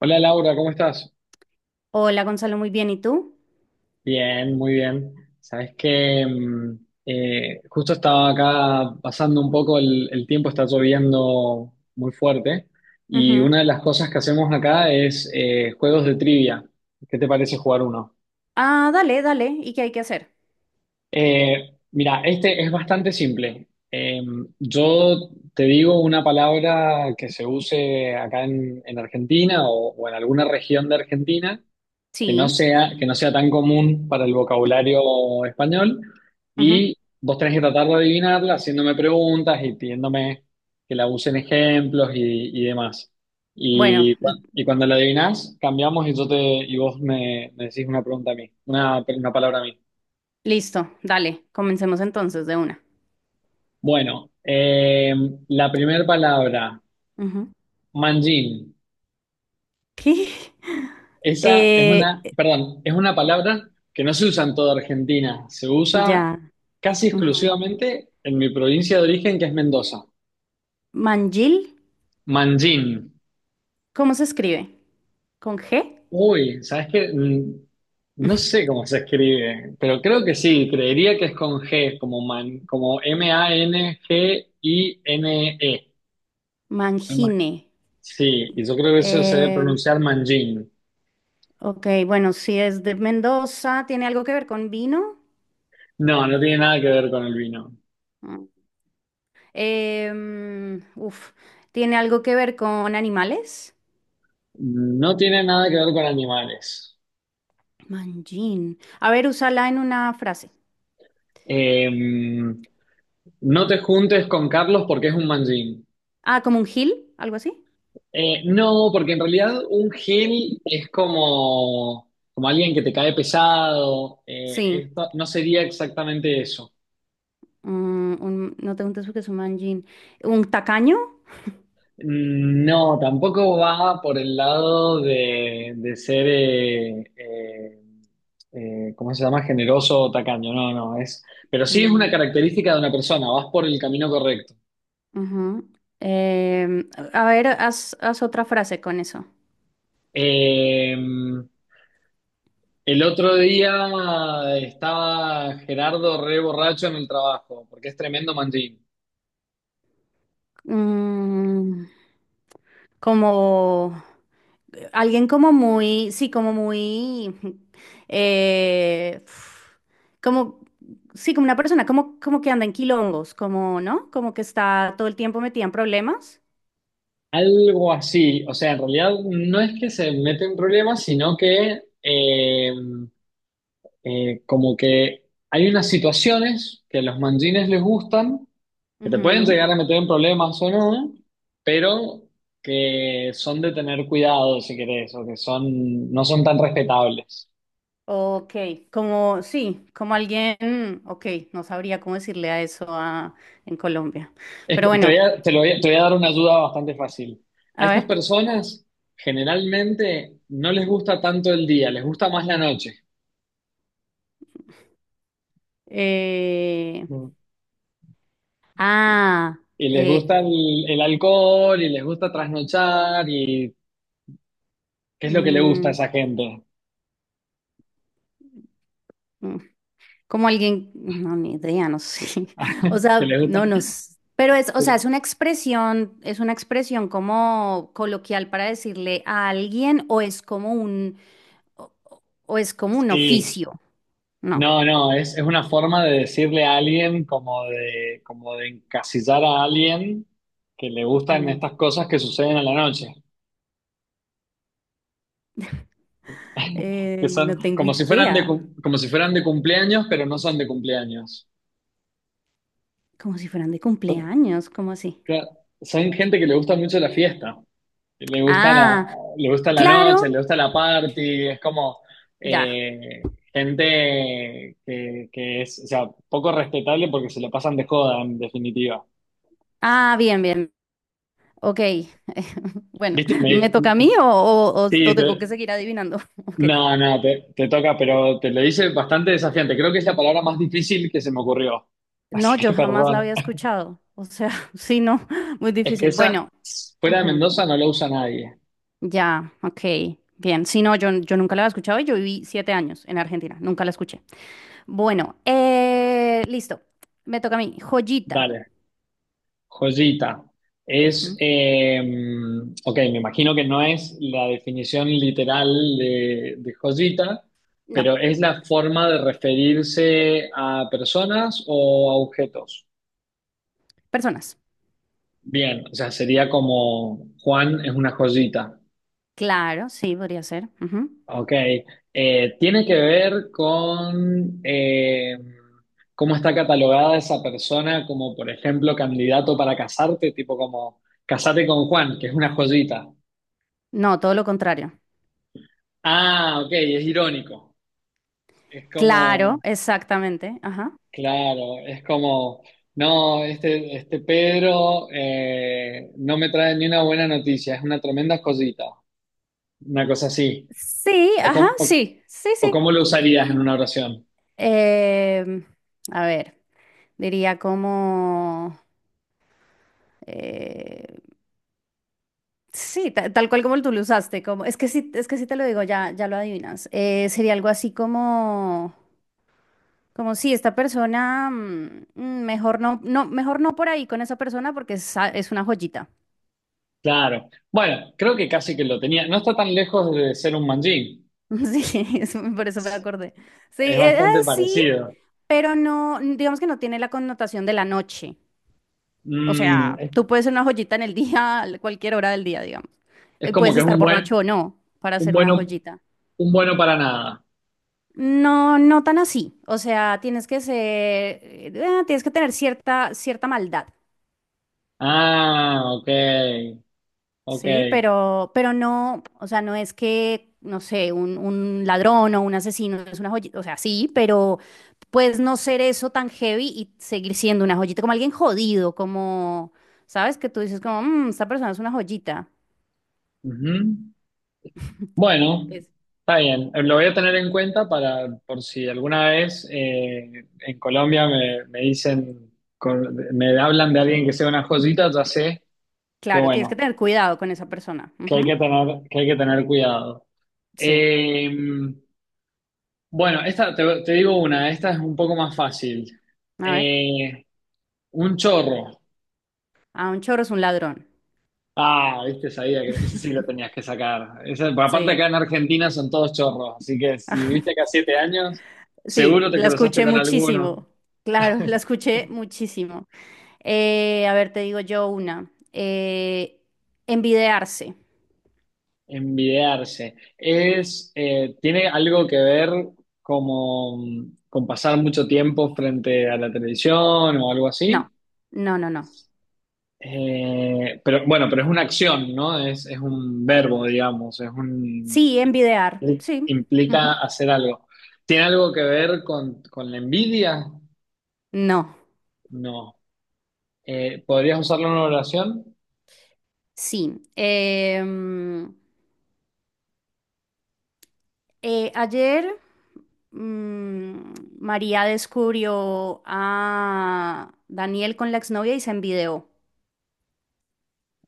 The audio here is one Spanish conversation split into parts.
Hola Laura, ¿cómo estás? Hola Gonzalo, muy bien. ¿Y tú? Bien, muy bien. Sabes que justo estaba acá pasando un poco el tiempo, está lloviendo muy fuerte y una de Ujú. las cosas que hacemos acá es juegos de trivia. ¿Qué te parece jugar uno? Ah, dale, dale. ¿Y qué hay que hacer? Mira, este es bastante simple. Yo te digo una palabra que se use acá en Argentina o en alguna región de Argentina Sí. Que no sea tan común para el vocabulario español. Ujú. Y vos tenés que tratar de adivinarla haciéndome preguntas y pidiéndome que la usen ejemplos y demás. Bueno, Y, y cuando la adivinás, cambiamos y y me decís una pregunta a mí, una palabra a mí. listo, dale. Comencemos entonces de una. Bueno, la primera palabra, Ujú. manjín. ¿Qué? Esa es Eh, una, perdón, es una palabra que no se usa en toda Argentina, se usa ya. casi Ujú. exclusivamente en mi provincia de origen, que es Mendoza. ¿Mangil? Manjín. ¿Cómo se escribe? ¿Con G? Uy, ¿sabes qué? No sé cómo se escribe, pero creo que sí, creería que es con G, como man, como M-A-N-G-I-N-E. Mangine. Sí, y yo creo que eso se debe Eh, pronunciar manjín. ok, bueno, si es de Mendoza, ¿tiene algo que ver con vino? No, no tiene nada que ver con el vino. Mm. Em, uf, ¿Tiene algo que ver con animales? No tiene nada que ver con animales. Manjín. A ver, úsala en una frase. Eh, No te juntes con Carlos porque es un manjín. Ah, como un gil, algo así. No, porque en realidad un gil es como, como alguien que te cae pesado. Eh, Sí. esto no sería exactamente eso. No te preguntes porque es un manjín. ¿Un tacaño? No, tampoco va por el lado de ser, ¿cómo se llama? Generoso o tacaño. No, no, es. Pero sí es una Mm, característica de una persona, vas por el camino correcto. ujú. A ver, haz otra frase con eso. Eh, El otro día estaba Gerardo re borracho en el trabajo, porque es tremendo manjín. Mm, como alguien como muy, sí, como muy, eh, como, sí, como una persona, como, como que anda en quilombos, como, ¿no? Como que está todo el tiempo metida en problemas. Algo así, o sea, en realidad no es que se mete en problemas, sino que como que hay unas situaciones que a los manjines les gustan, que te pueden Ujú. llegar a meter en problemas o no, pero que son de tener cuidado, si querés, o que son, no son tan respetables. Ok, como sí, como alguien, ok, no sabría cómo decirle a eso en Colombia. Es Pero que te voy bueno, a, te voy a dar una ayuda bastante fácil. A a estas ver. personas generalmente no les gusta tanto el día, les gusta más la noche. eh, Mm. ah, Y les eh, gusta el alcohol y les gusta trasnochar y ¿qué es lo que le gusta a mm, esa gente? mm, como alguien, no, ni idea, no sé. O ¿Qué sea, le gusta? no nos. Pero es, o sea, es una expresión como coloquial para decirle a alguien o es como un, o es como un Sí. oficio, no. No, no, es una forma de decirle a alguien como de encasillar a alguien que le gustan estas cosas que suceden a la noche. Que son No tengo como si fueran idea. de, como si fueran de cumpleaños, pero no son de cumpleaños. Como si fueran de Son, cumpleaños, ¿cómo así? cla- son gente que le gusta mucho la fiesta, que Ah, le gusta la noche, le claro, gusta la party, es como ya. Gente que es, o sea, poco respetable porque se la pasan de joda, en definitiva. Ah, bien, bien. Ok. Bueno, ¿Viste? Me ¿me toca a mí dij- o, o sí, tengo que te- seguir adivinando? Ok. No, no, te toca, pero te lo hice bastante desafiante. Creo que es la palabra más difícil que se me ocurrió. Así No, yo que jamás la perdón. había escuchado. O sea, sí, no, muy Es que difícil. esa, Bueno, fuera de ujú, Mendoza, no la usa nadie. ya, ok. Bien, sí, no, yo nunca la había escuchado y yo viví 7 años en Argentina, nunca la escuché. Bueno, listo. Me toca a mí. Joyita. Dale, joyita. Es, Ujú. eh, ok, me imagino que no es la definición literal de joyita, No, pero es la forma de referirse a personas o a objetos. personas. Bien, o sea, sería como Juan es una joyita. Claro, sí, podría ser. Ujú. Ok, tiene que ver con cómo está catalogada esa persona como, por ejemplo, candidato para casarte, tipo como casate con Juan, que es una joyita. No, todo lo contrario. Ah, ok, es irónico. Es Claro, como, exactamente. Ajá. claro, es como, no, este Pedro no me trae ni una buena noticia, es una tremenda joyita, una cosa así. Sí, O, ajá, cómo- o sí, sí, o sí. cómo lo usarías en una oración. Em, a ver, diría como... eh, sí, tal cual como tú lo usaste, como... es que sí te lo digo, ya, ya lo adivinas. Sería algo así como... Como si esta persona, mm, mm, mejor no, no, mejor no por ahí con esa persona porque es una joyita. Claro. Bueno, creo que casi que lo tenía. No está tan lejos de ser un manjín. Sí, por eso me Es acordé. Sí, es bastante sí, parecido. pero no, digamos que no tiene la connotación de la noche. O Mm, sea, es, tú puedes ser una joyita en el día, a cualquier hora del día, digamos. es como Puedes que es estar un buen, borracho o no para un ser una bueno, joyita. un bueno para nada. No, no tan así. O sea, tienes que ser, tienes que tener cierta, cierta maldad. Ah, ok, ok. Sí, pero no, o sea, no es que, no sé, un ladrón o un asesino es una joyita, o sea, sí, pero puedes no ser eso tan heavy y seguir siendo una joyita, como alguien jodido, como, ¿sabes? Que tú dices como, "Mm, esta persona es una joyita". Ujú. Bueno, Es- está bien. Lo voy a tener en cuenta para por si alguna vez en Colombia me dicen, me hablan de alguien que sea una joyita, ya sé que claro, tienes que bueno, tener cuidado con esa persona. Ujú, que hay que tener cuidado. sí, Eh, bueno, te digo una, esta es un poco más fácil. a ver, Eh, un chorro. a un chorro es un ladrón. Ah, viste, sabía que ese sí lo tenías que sacar. Por aparte Sí, acá en Argentina son todos chorros, así que si viviste acá 7 años, sí, seguro te la cruzaste escuché con alguno. muchísimo. Claro, la escuché muchísimo. A ver, te digo yo una. Envidiarse. Envidiarse. Tiene algo que ver como con pasar mucho tiempo frente a la televisión o algo así. No, no, no, no. Pero bueno, pero es una acción, ¿no? Es un verbo, digamos, es un Sí, envidiar. Sí. Ujú. implica hacer algo. ¿Tiene algo que ver con la envidia? No, No. ¿Podrías usarlo en una oración? sí. Ayer mm, María descubrió a Daniel con la exnovia y se envidió.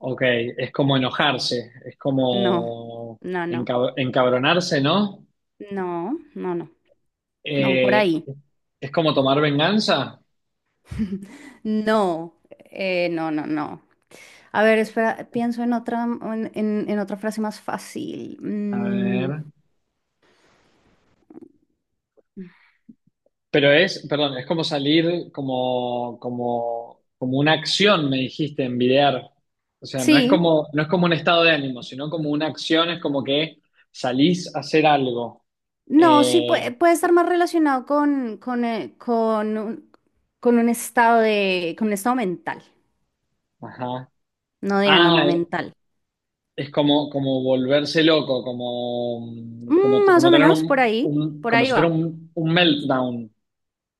Ok, es como enojarse, es No, como no, no, encabronarse, ¿no? no, no, no, no, por Eh, ahí. es como tomar venganza. No, no, no, no. A ver, espera, pienso en otra, en otra frase más fácil. A Mm, ver. Pero es, perdón, es como salir como, como una acción, me dijiste, envidiar. O sea, no es sí, como, no es como un estado de ánimo, sino como una acción, es como que salís a hacer algo. no, sí puede, Eh, puede estar más relacionado con, con un estado de, con un estado mental, ajá. no de ánimo Ah, mental. es como, como volverse loco, como, como, Mm, más como o tener menos, un, por como ahí si fuera va. Un meltdown,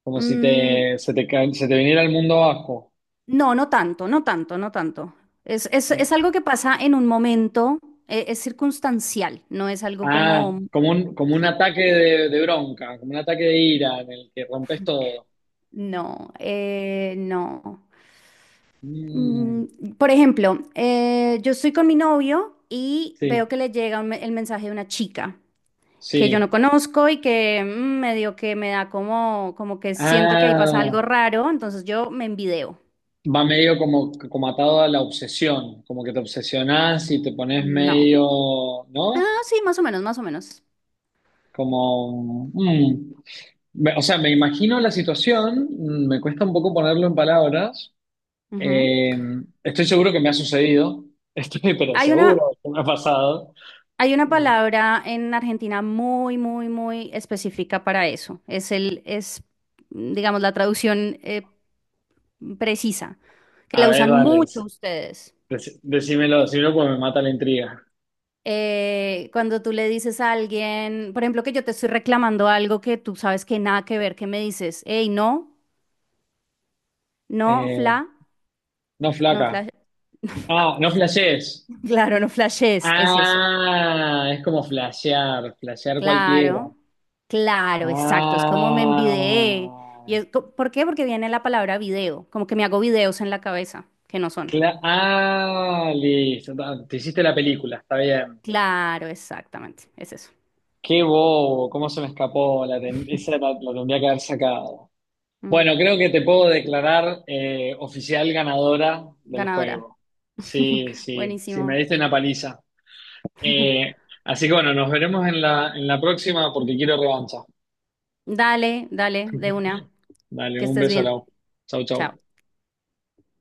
como si Mm, te, se te viniera el mundo abajo. no, no tanto, no tanto, no tanto. Es Eh, algo que pasa en un momento, es circunstancial, no es algo Ah, como... como un Sí, ataque de bronca, como un ataque de ira en el que rompes todo. no, no. Mm, Mm, por ejemplo, yo estoy con mi novio y sí, veo que le llega el mensaje de una chica que yo no sí. conozco y que mm, medio que me da como, como que siento que ahí pasa Ah, algo raro, entonces yo me envideo. va medio como, como atado a la obsesión, como que te obsesionás y te pones No. medio, ¿no? Ah, sí, más o menos, más o menos. Como... mm. O sea, me imagino la situación, mm, me cuesta un poco ponerlo en palabras. Ujú. Eh, Estoy seguro que me ha sucedido, estoy pero Hay una, seguro que me ha pasado. hay una Eh, palabra en Argentina muy, muy, muy específica para eso. Es, digamos, la traducción precisa, que a la ver, usan dale, mucho ustedes. Decímelo, decímelo porque me mata la intriga. Cuando tú le dices a alguien, por ejemplo, que yo te estoy reclamando algo que tú sabes que nada que ver, que me dices, hey, no, no, fla, Eh, no no, flaca. flash, Ah, no flashees. claro, no flashes, es eso. Ah, es como flashear, flashear cualquiera. Claro, claro, exacto, es como me envidié. Y Ah, es co- ¿por qué? Porque viene la palabra video, como que me hago videos en la cabeza, que no son. Ah, listo. Te hiciste la película, está bien. Claro, exactamente, es eso. Qué bobo, cómo se me escapó. Esa la tendría que haber sacado. Mm, Bueno, creo que te puedo declarar oficial ganadora del ganadora. juego. Sí, sí, sí, me Buenísimo. diste una paliza. Eh, Así que bueno, nos veremos en en la próxima porque quiero revancha. Dale, dale, de una. Dale, Que un estés beso, bien. Lau. Chau, Chao. chau.